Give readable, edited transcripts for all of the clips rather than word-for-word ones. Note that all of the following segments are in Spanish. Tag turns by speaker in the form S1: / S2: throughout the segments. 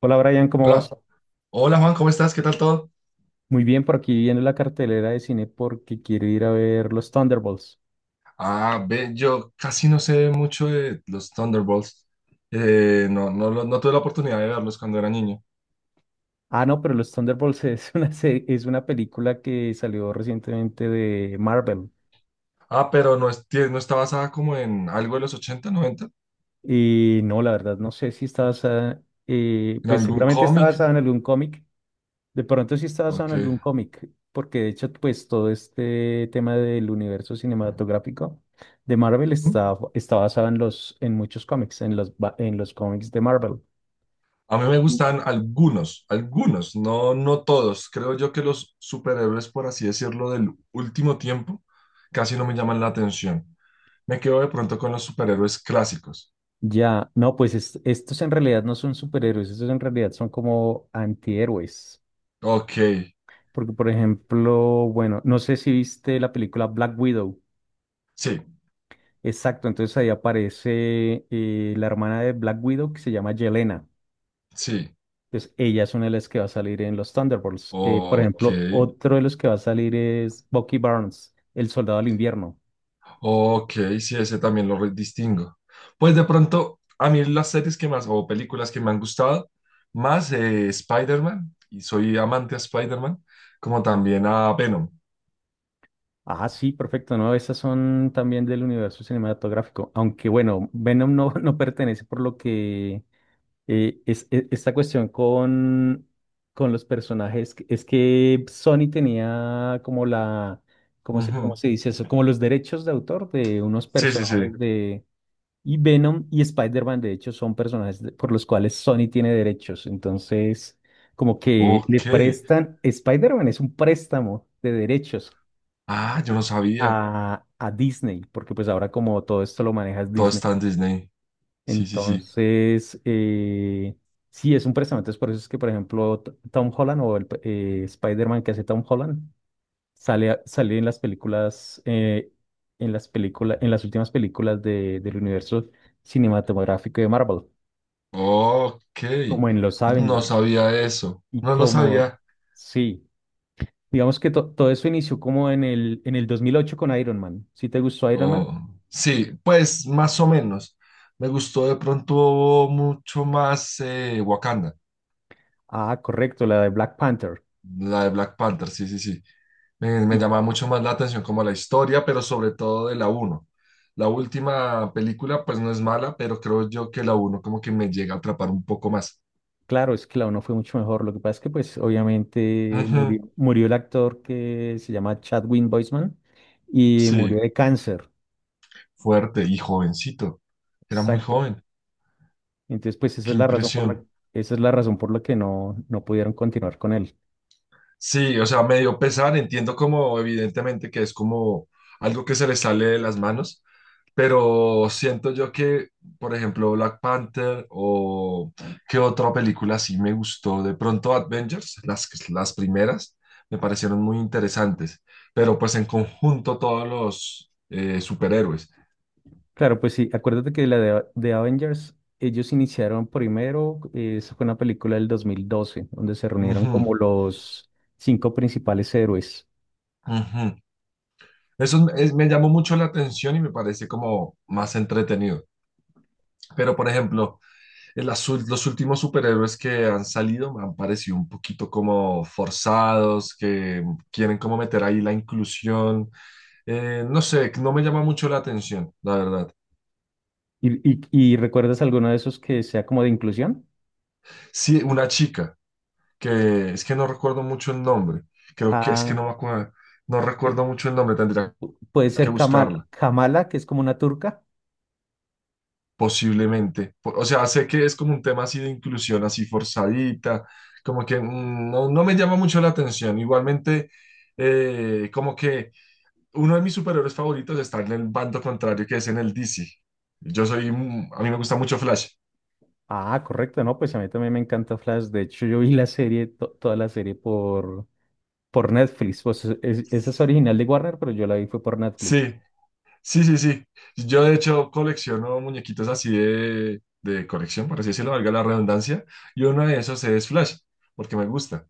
S1: Hola Brian, ¿cómo vas?
S2: Hola, hola Juan, ¿cómo estás? ¿Qué tal todo?
S1: Muy bien, por aquí viendo la cartelera de cine porque quiero ir a ver los Thunderbolts.
S2: Ah, ve, yo casi no sé mucho de los Thunderbolts. No, no, no tuve la oportunidad de verlos cuando era niño.
S1: Ah, no, pero los Thunderbolts es una película que salió recientemente de Marvel.
S2: Ah, pero no, es, no está basada como en algo de los ochenta noventa,
S1: Y no, la verdad, no sé si está basada,
S2: en
S1: pues
S2: algún
S1: seguramente está
S2: cómic.
S1: basada en algún cómic. De pronto sí está basada
S2: Ok.
S1: en algún cómic, porque de hecho, pues todo este tema del universo cinematográfico de Marvel
S2: Mm.
S1: está basado en los, en muchos cómics, en los cómics de Marvel.
S2: A mí me gustan algunos, no, no todos. Creo yo que los superhéroes, por así decirlo, del último tiempo, casi no me llaman la atención. Me quedo de pronto con los superhéroes clásicos.
S1: Ya, no, pues estos en realidad no son superhéroes, estos en realidad son como antihéroes.
S2: Ok,
S1: Porque, por ejemplo, bueno, no sé si viste la película Black Widow.
S2: sí.
S1: Exacto, entonces ahí aparece la hermana de Black Widow que se llama Yelena.
S2: Sí,
S1: Entonces ella es una de las que va a salir en los Thunderbolts. Por
S2: ok,
S1: ejemplo, otro de los que va a salir es Bucky Barnes, el soldado del invierno.
S2: ok, sí, ese también lo distingo. Pues de pronto, a mí las series que más, o películas que me han gustado, más Spider-Man, y soy amante a Spider-Man, como también a Venom.
S1: Ah, sí, perfecto. No, esas son también del universo cinematográfico. Aunque bueno, Venom no, no pertenece por lo que esta cuestión con los personajes, es que Sony tenía ¿cómo se, cómo
S2: Ujú.
S1: se dice eso? Como los derechos de autor de unos
S2: Sí, sí, sí.
S1: personajes de... Y Venom y Spider-Man, de hecho, son personajes por los cuales Sony tiene derechos. Entonces, como que le
S2: Ok.
S1: prestan, Spider-Man es un préstamo de derechos
S2: Ah, yo no sabía.
S1: a Disney, porque pues ahora como todo esto lo manejas
S2: Todo
S1: Disney.
S2: está en Disney. Sí, sí, sí.
S1: Entonces, sí, es un préstamo. Entonces, por eso es que, por ejemplo, Tom Holland o el Spider-Man que hace Tom Holland sale en las películas, en las últimas películas del universo cinematográfico de Marvel,
S2: Ok.
S1: como en los
S2: No
S1: Avengers.
S2: sabía eso.
S1: Y
S2: No lo
S1: como,
S2: sabía.
S1: sí, digamos que todo eso inició como en el 2008 con Iron Man. ¿Sí te gustó Iron Man?
S2: Oh, sí, pues más o menos. Me gustó de pronto mucho más Wakanda,
S1: Ah, correcto, la de Black Panther.
S2: la de Black Panther, sí, sí, sí. Me llamaba mucho más la atención como la historia, pero sobre todo de la uno. La última película pues no es mala, pero creo yo que la uno como que me llega a atrapar un poco más.
S1: Claro, es que la uno fue mucho mejor. Lo que pasa es que, pues, obviamente murió,
S2: Ujú,
S1: murió el actor que se llama Chadwick Boseman y murió
S2: sí,
S1: de cáncer.
S2: fuerte y jovencito. Era muy
S1: Exacto.
S2: joven.
S1: Entonces, pues,
S2: Qué impresión.
S1: esa es la razón por la que no pudieron continuar con él.
S2: Sí, o sea, me dio pesar. Entiendo como evidentemente que es como algo que se le sale de las manos, pero siento yo que, por ejemplo, Black Panther o qué otra película sí me gustó. De pronto Avengers, las primeras, me parecieron muy interesantes. Pero pues en conjunto todos los superhéroes.
S1: Claro, pues sí, acuérdate que la de Avengers, ellos iniciaron primero, esa fue una película del 2012, donde se reunieron
S2: Ujú,
S1: como los cinco principales héroes.
S2: ujú. Me llamó mucho la atención y me parece como más entretenido. Pero, por ejemplo, las los últimos superhéroes que han salido me han parecido un poquito como forzados, que quieren como meter ahí la inclusión. No sé, no me llama mucho la atención, la verdad.
S1: ¿Y recuerdas alguno de esos que sea como de inclusión?
S2: Sí, una chica, que es que no recuerdo mucho el nombre. Creo que es que
S1: Ah.
S2: no me acuerdo, no recuerdo mucho el nombre, tendría
S1: Puede
S2: que
S1: ser
S2: buscarla,
S1: Kamala, que es como una turca.
S2: posiblemente. O sea, sé que es como un tema así de inclusión, así forzadita, como que mm, no, no me llama mucho la atención. Igualmente, como que uno de mis superhéroes favoritos está en el bando contrario, que es en el DC. Yo soy, a mí me gusta mucho Flash.
S1: Ah, correcto, no, pues a mí también me encanta Flash. De hecho, yo vi la serie, toda la serie por Netflix. Pues esa es original de Warner, pero yo la vi fue por Netflix.
S2: Sí, sí, sí, sí. Yo de hecho colecciono muñequitos así de colección, por así decirlo, valga la redundancia, y uno de esos es Flash, porque me gusta.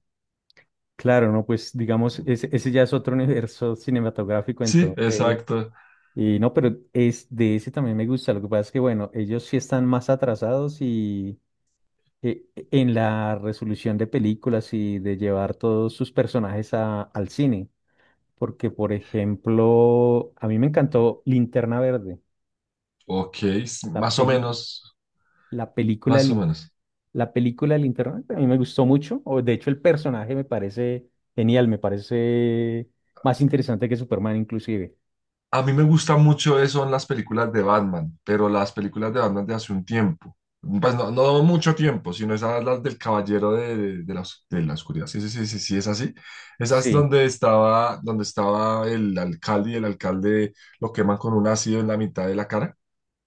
S1: Claro, no, pues digamos, ese ya es otro universo cinematográfico,
S2: Sí,
S1: entonces.
S2: exacto.
S1: Y no, pero es de ese también me gusta. Lo que pasa es que, bueno, ellos sí están más atrasados y eh, en la resolución de películas y de llevar todos sus personajes al cine. Porque, por ejemplo, a mí me encantó Linterna Verde,
S2: Ok, s-
S1: la
S2: más o
S1: peli,
S2: menos,
S1: la película,
S2: más o menos.
S1: La película de Linterna Verde, a mí me gustó mucho. O, de hecho, el personaje me parece genial, me parece más interesante que Superman, inclusive.
S2: A mí me gusta mucho eso en las películas de Batman, pero las películas de Batman de hace un tiempo. Pues no, no mucho tiempo, sino esas las del Caballero de, la, de la Oscuridad. Sí, sí, sí, sí, sí, es así. Esas
S1: Sí,
S2: donde estaba el alcalde y el alcalde lo queman con un ácido en la mitad de la cara,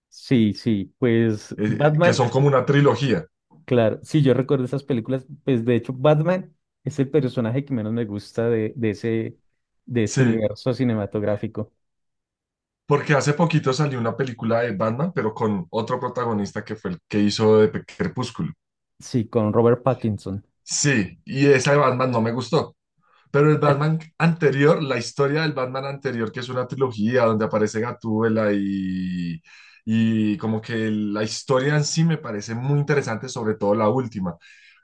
S1: sí, sí. Pues
S2: que
S1: Batman,
S2: son como una trilogía.
S1: claro, sí, yo recuerdo esas películas. Pues de hecho, Batman es el personaje que menos me gusta de ese
S2: Sí,
S1: universo cinematográfico.
S2: porque hace poquito salió una película de Batman, pero con otro protagonista que fue el que hizo de Crepúsculo.
S1: Sí, con Robert Pattinson,
S2: Sí, y esa de Batman no me gustó. Pero el Batman anterior, la historia del Batman anterior, que es una trilogía donde aparece Gatúbela y como que la historia en sí me parece muy interesante, sobre todo la última.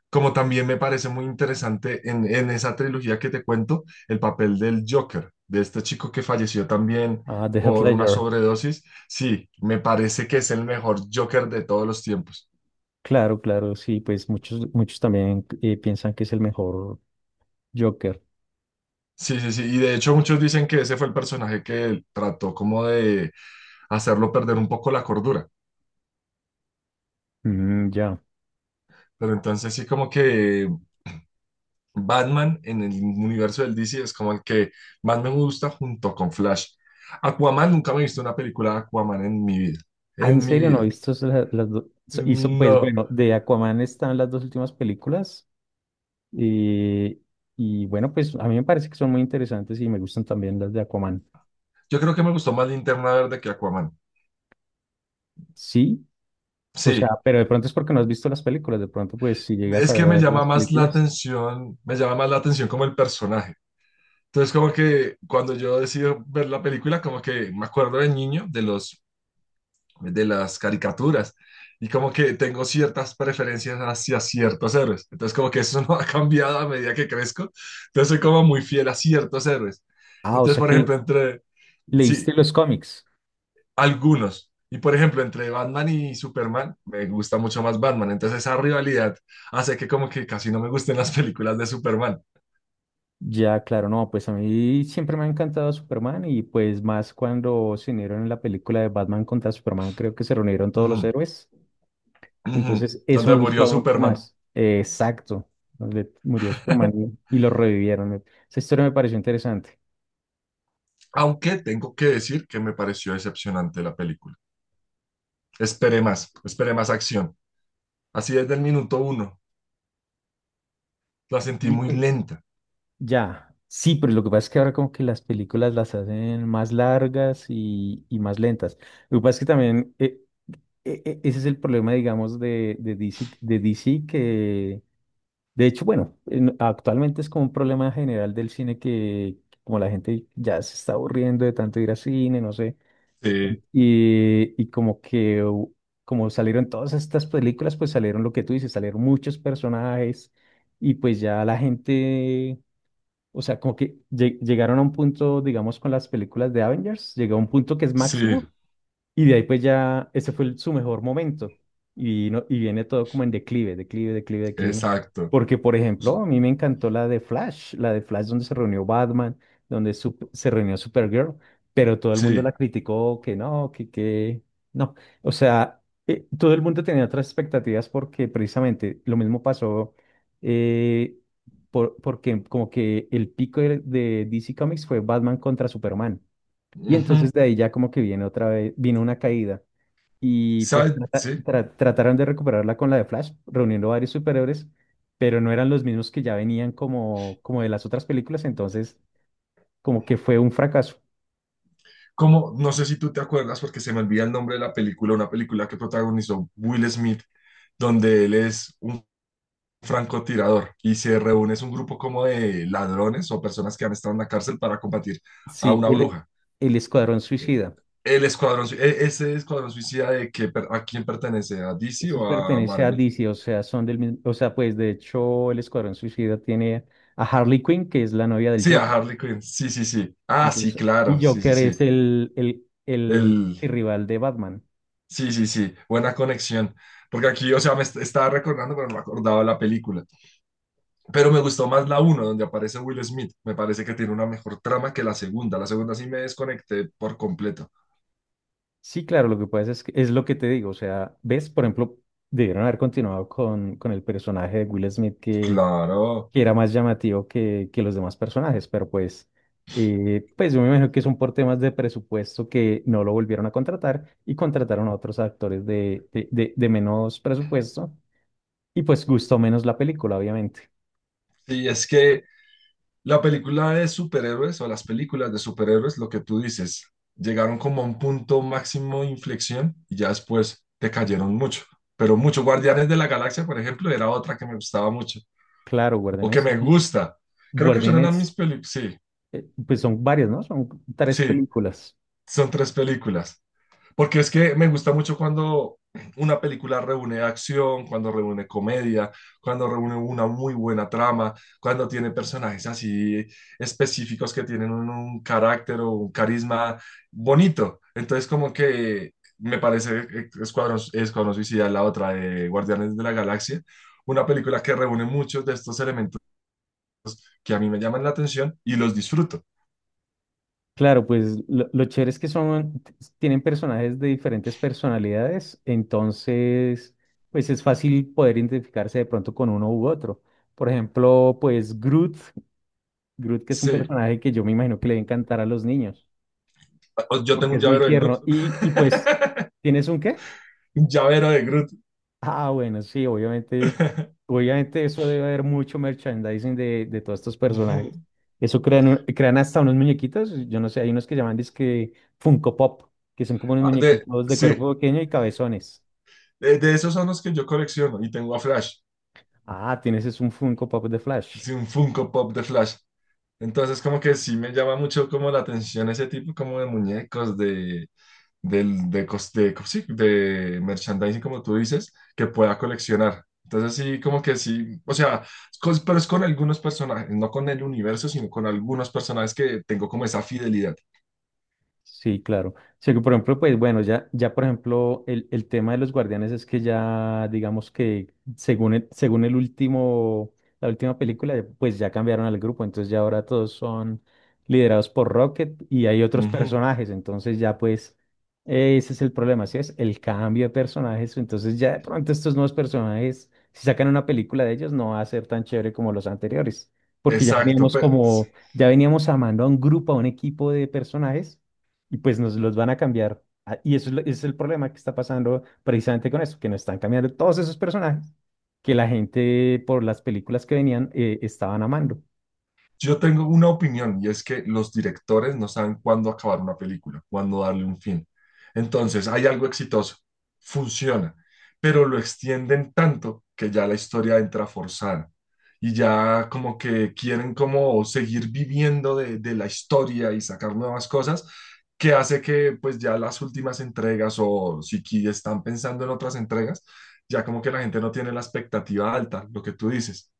S2: Como también me parece muy interesante en esa trilogía que te cuento, el papel del Joker, de este chico que falleció también
S1: ah, de Heath
S2: por una
S1: Ledger.
S2: sobredosis. Sí, me parece que es el mejor Joker de todos los tiempos.
S1: Claro, claro, sí, pues muchos, muchos también piensan que es el mejor Joker.
S2: Sí, sí, sí. Y de hecho muchos dicen que ese fue el personaje que trató como de hacerlo perder un poco la cordura.
S1: Mm, ya.
S2: Pero entonces sí como que Batman en el universo del DC es como el que más me gusta junto con Flash. Aquaman, nunca me he visto una película de Aquaman en mi vida.
S1: Ah, ¿en
S2: En mi
S1: serio no he
S2: vida.
S1: visto las dos? Pues
S2: No.
S1: bueno, de Aquaman están las dos últimas películas. eh, y bueno, pues a mí me parece que son muy interesantes y me gustan también las de Aquaman.
S2: Yo creo que me gustó más Linterna Verde que Aquaman.
S1: Sí, o sea,
S2: Sí.
S1: pero de pronto es porque no has visto las películas. De pronto, pues si llegas a
S2: Es que me
S1: ver
S2: llama
S1: las
S2: más la
S1: películas.
S2: atención, me llama más la atención como el personaje. Entonces, como que cuando yo decido ver la película, como que me acuerdo de niño, de los de las caricaturas y como que tengo ciertas preferencias hacia ciertos héroes. Entonces como que eso no ha cambiado a medida que crezco. Entonces soy como muy fiel a ciertos héroes.
S1: Ah, o
S2: Entonces,
S1: sea
S2: por
S1: que
S2: ejemplo, entre, sí,
S1: leíste los cómics.
S2: algunos. Y por ejemplo, entre Batman y Superman, me gusta mucho más Batman. Entonces esa rivalidad hace que como que casi no me gusten las películas de Superman.
S1: Ya, claro, no, pues a mí siempre me ha encantado Superman y pues más cuando se unieron en la película de Batman contra Superman, creo que se reunieron todos los
S2: Ujú,
S1: héroes.
S2: ujú,
S1: Entonces, eso
S2: donde
S1: me
S2: murió
S1: gustó mucho
S2: Superman.
S1: más. Exacto, donde murió Superman y lo revivieron. Esa historia me pareció interesante.
S2: Aunque tengo que decir que me pareció decepcionante la película. Esperé más acción. Así desde el minuto uno. La sentí
S1: Y
S2: muy
S1: pues,
S2: lenta.
S1: ya, sí, pero lo que pasa es que ahora como que las películas las hacen más largas y más lentas. Lo que pasa es que también ese es el problema, digamos, de DC que de hecho, bueno, actualmente es como un problema general del cine que como la gente ya se está aburriendo de tanto ir al cine, no sé,
S2: Sí,
S1: y como que como salieron todas estas películas, pues salieron lo que tú dices, salieron muchos personajes y pues ya la gente, o sea, como que llegaron a un punto, digamos, con las películas de Avengers, llegó a un punto que es
S2: sí,
S1: máximo y de ahí pues ya, ese fue su mejor momento. Y no, y viene todo como en declive, declive, declive, declive.
S2: exacto.
S1: Porque, por ejemplo, a mí me encantó la de Flash donde se reunió Batman, donde se reunió Supergirl, pero todo el mundo
S2: Sí.
S1: la criticó que no, que no. O sea, todo el mundo tenía otras expectativas porque precisamente lo mismo pasó eh, porque como que el pico de DC Comics fue Batman contra Superman. Y
S2: Ujú.
S1: entonces de ahí ya como que viene otra vez, vino una caída. Y pues
S2: ¿Sabes? Sí.
S1: trataron de recuperarla con la de Flash, reuniendo varios superhéroes, pero no eran los mismos que ya venían como de las otras películas, entonces como que fue un fracaso.
S2: Como, no sé si tú te acuerdas, porque se me olvida el nombre de la película, una película que protagonizó Will Smith, donde él es un francotirador y se reúne, es un grupo como de ladrones o personas que han estado en la cárcel para combatir a
S1: Sí,
S2: una
S1: el,
S2: bruja.
S1: el Escuadrón Suicida.
S2: El escuadrón, ese escuadrón suicida de que, a quién pertenece, a DC
S1: Eso
S2: o a
S1: pertenece a
S2: Marvel.
S1: DC, o sea, son del mismo, o sea, pues de hecho el Escuadrón Suicida tiene a Harley Quinn, que es la novia del
S2: Sí, a
S1: Joker.
S2: Harley Quinn. Sí, sí, sí. Ah, sí,
S1: Entonces,
S2: claro.
S1: y
S2: Sí, sí,
S1: Joker es
S2: sí.
S1: el
S2: El...
S1: rival de Batman.
S2: Sí, sí, sí. Buena conexión. Porque aquí, o sea, me estaba recordando, pero no me acordaba la película. Pero me gustó más la uno, donde aparece Will Smith. Me parece que tiene una mejor trama que la segunda. La segunda sí me desconecté por completo.
S1: Sí, claro, lo que pasa es que es lo que te digo, o sea, ves, por ejemplo, debieron haber continuado con el personaje de Will Smith que,
S2: Claro.
S1: que era más llamativo que los demás personajes, pero pues, pues yo me imagino que son por temas de presupuesto que no lo volvieron a contratar y contrataron a otros actores de menos presupuesto y pues gustó menos la película, obviamente.
S2: Sí, es que la película de superhéroes o las películas de superhéroes, lo que tú dices, llegaron como a un punto máximo de inflexión y ya después te cayeron mucho. Pero mucho. Guardianes de la Galaxia, por ejemplo, era otra que me gustaba mucho
S1: Claro,
S2: o que me gusta. Creo que son eran
S1: Guardianes,
S2: mis películas. Sí,
S1: pues son varias, ¿no? Son tres
S2: sí,
S1: películas.
S2: son tres películas. Porque es que me gusta mucho cuando una película reúne acción, cuando reúne comedia, cuando reúne una muy buena trama, cuando tiene personajes así específicos que tienen un carácter o un carisma bonito. Entonces, como que me parece Escuadrón Suicida, la otra de Guardianes de la Galaxia, una película que reúne muchos de estos elementos que a mí me llaman la atención y los disfruto.
S1: Claro, pues lo chévere es que tienen personajes de diferentes personalidades, entonces, pues es fácil poder identificarse de pronto con uno u otro. Por ejemplo, pues Groot que es un
S2: Sí,
S1: personaje que yo me imagino que le va a encantar a los niños,
S2: yo tengo
S1: porque
S2: un
S1: es muy
S2: llavero de Groot.
S1: tierno. Y pues, ¿tienes un qué?
S2: Un llavero de Groot.
S1: Ah, bueno, sí, obviamente, obviamente eso debe haber mucho merchandising de todos estos
S2: Ujú.
S1: personajes. Eso crean hasta unos muñequitos, yo no sé, hay unos que llaman dizque Funko Pop, que son como unos
S2: Ah, de,
S1: muñequitos de
S2: sí,
S1: cuerpo pequeño y cabezones.
S2: de esos son los que yo colecciono y tengo a Flash.
S1: Ah, tienes es un Funko Pop de Flash.
S2: Hice un Funko Pop de Flash. Entonces, como que sí me llama mucho como la atención ese tipo como de muñecos, de, del de, cos- sí, de merchandising, como tú dices, que pueda coleccionar. Entonces, sí, como que sí, o sea, pero es con algunos personajes, no con el universo, sino con algunos personajes que tengo como esa fidelidad.
S1: Sí, claro. Sí, que por ejemplo, pues bueno, ya por ejemplo, el tema de los guardianes es que ya, digamos que la última película, pues ya cambiaron al grupo, entonces ya ahora todos son liderados por Rocket y hay otros
S2: Ujú.
S1: personajes, entonces ya pues ese es el problema. ¿Sí? Es el cambio de personajes, entonces ya de pronto estos nuevos personajes, si sacan una película de ellos, no va a ser tan chévere como los anteriores, porque
S2: Exacto, pues.
S1: ya veníamos amando a un grupo, a un equipo de personajes y pues nos los van a cambiar. Ah. Ese es el problema que está pasando precisamente con eso, que nos están cambiando todos esos personajes que la gente por las películas que venían estaban amando.
S2: Yo tengo una opinión y es que los directores no saben cuándo acabar una película, cuándo darle un fin. Entonces, hay algo exitoso, funciona, pero lo extienden tanto que ya la historia entra forzada y ya como que quieren como seguir viviendo de la historia y sacar nuevas cosas que hace que pues ya las últimas entregas o si están pensando en otras entregas, ya como que la gente no tiene la expectativa alta, lo que tú dices.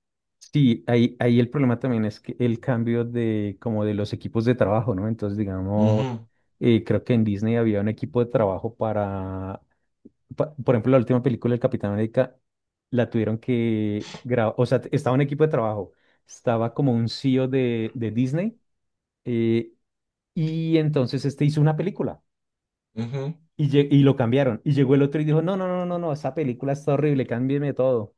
S1: Sí, ahí el problema también es que el cambio de como de los equipos de trabajo, ¿no? Entonces, digamos,
S2: Ujú,
S1: creo que en Disney había un equipo de trabajo por ejemplo, la última película del Capitán América la tuvieron que grabar, o sea, estaba un equipo de trabajo, estaba como un CEO de Disney. eh, Y entonces este hizo una película
S2: ujú.
S1: y lo cambiaron. Y llegó el otro y dijo: no, no, no, no, no, esa película está horrible, cámbieme todo.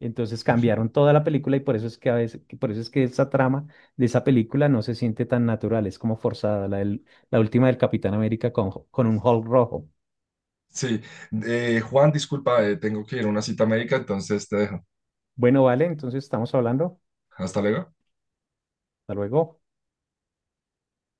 S1: Entonces cambiaron toda la película y por eso es que a veces, que por eso es que esa trama de esa película no se siente tan natural, es como forzada, la última del Capitán América con un Hulk rojo.
S2: Sí, Juan, disculpa, tengo que ir a una cita médica, entonces te dejo.
S1: Bueno, vale, entonces estamos hablando.
S2: Hasta luego.
S1: Hasta luego.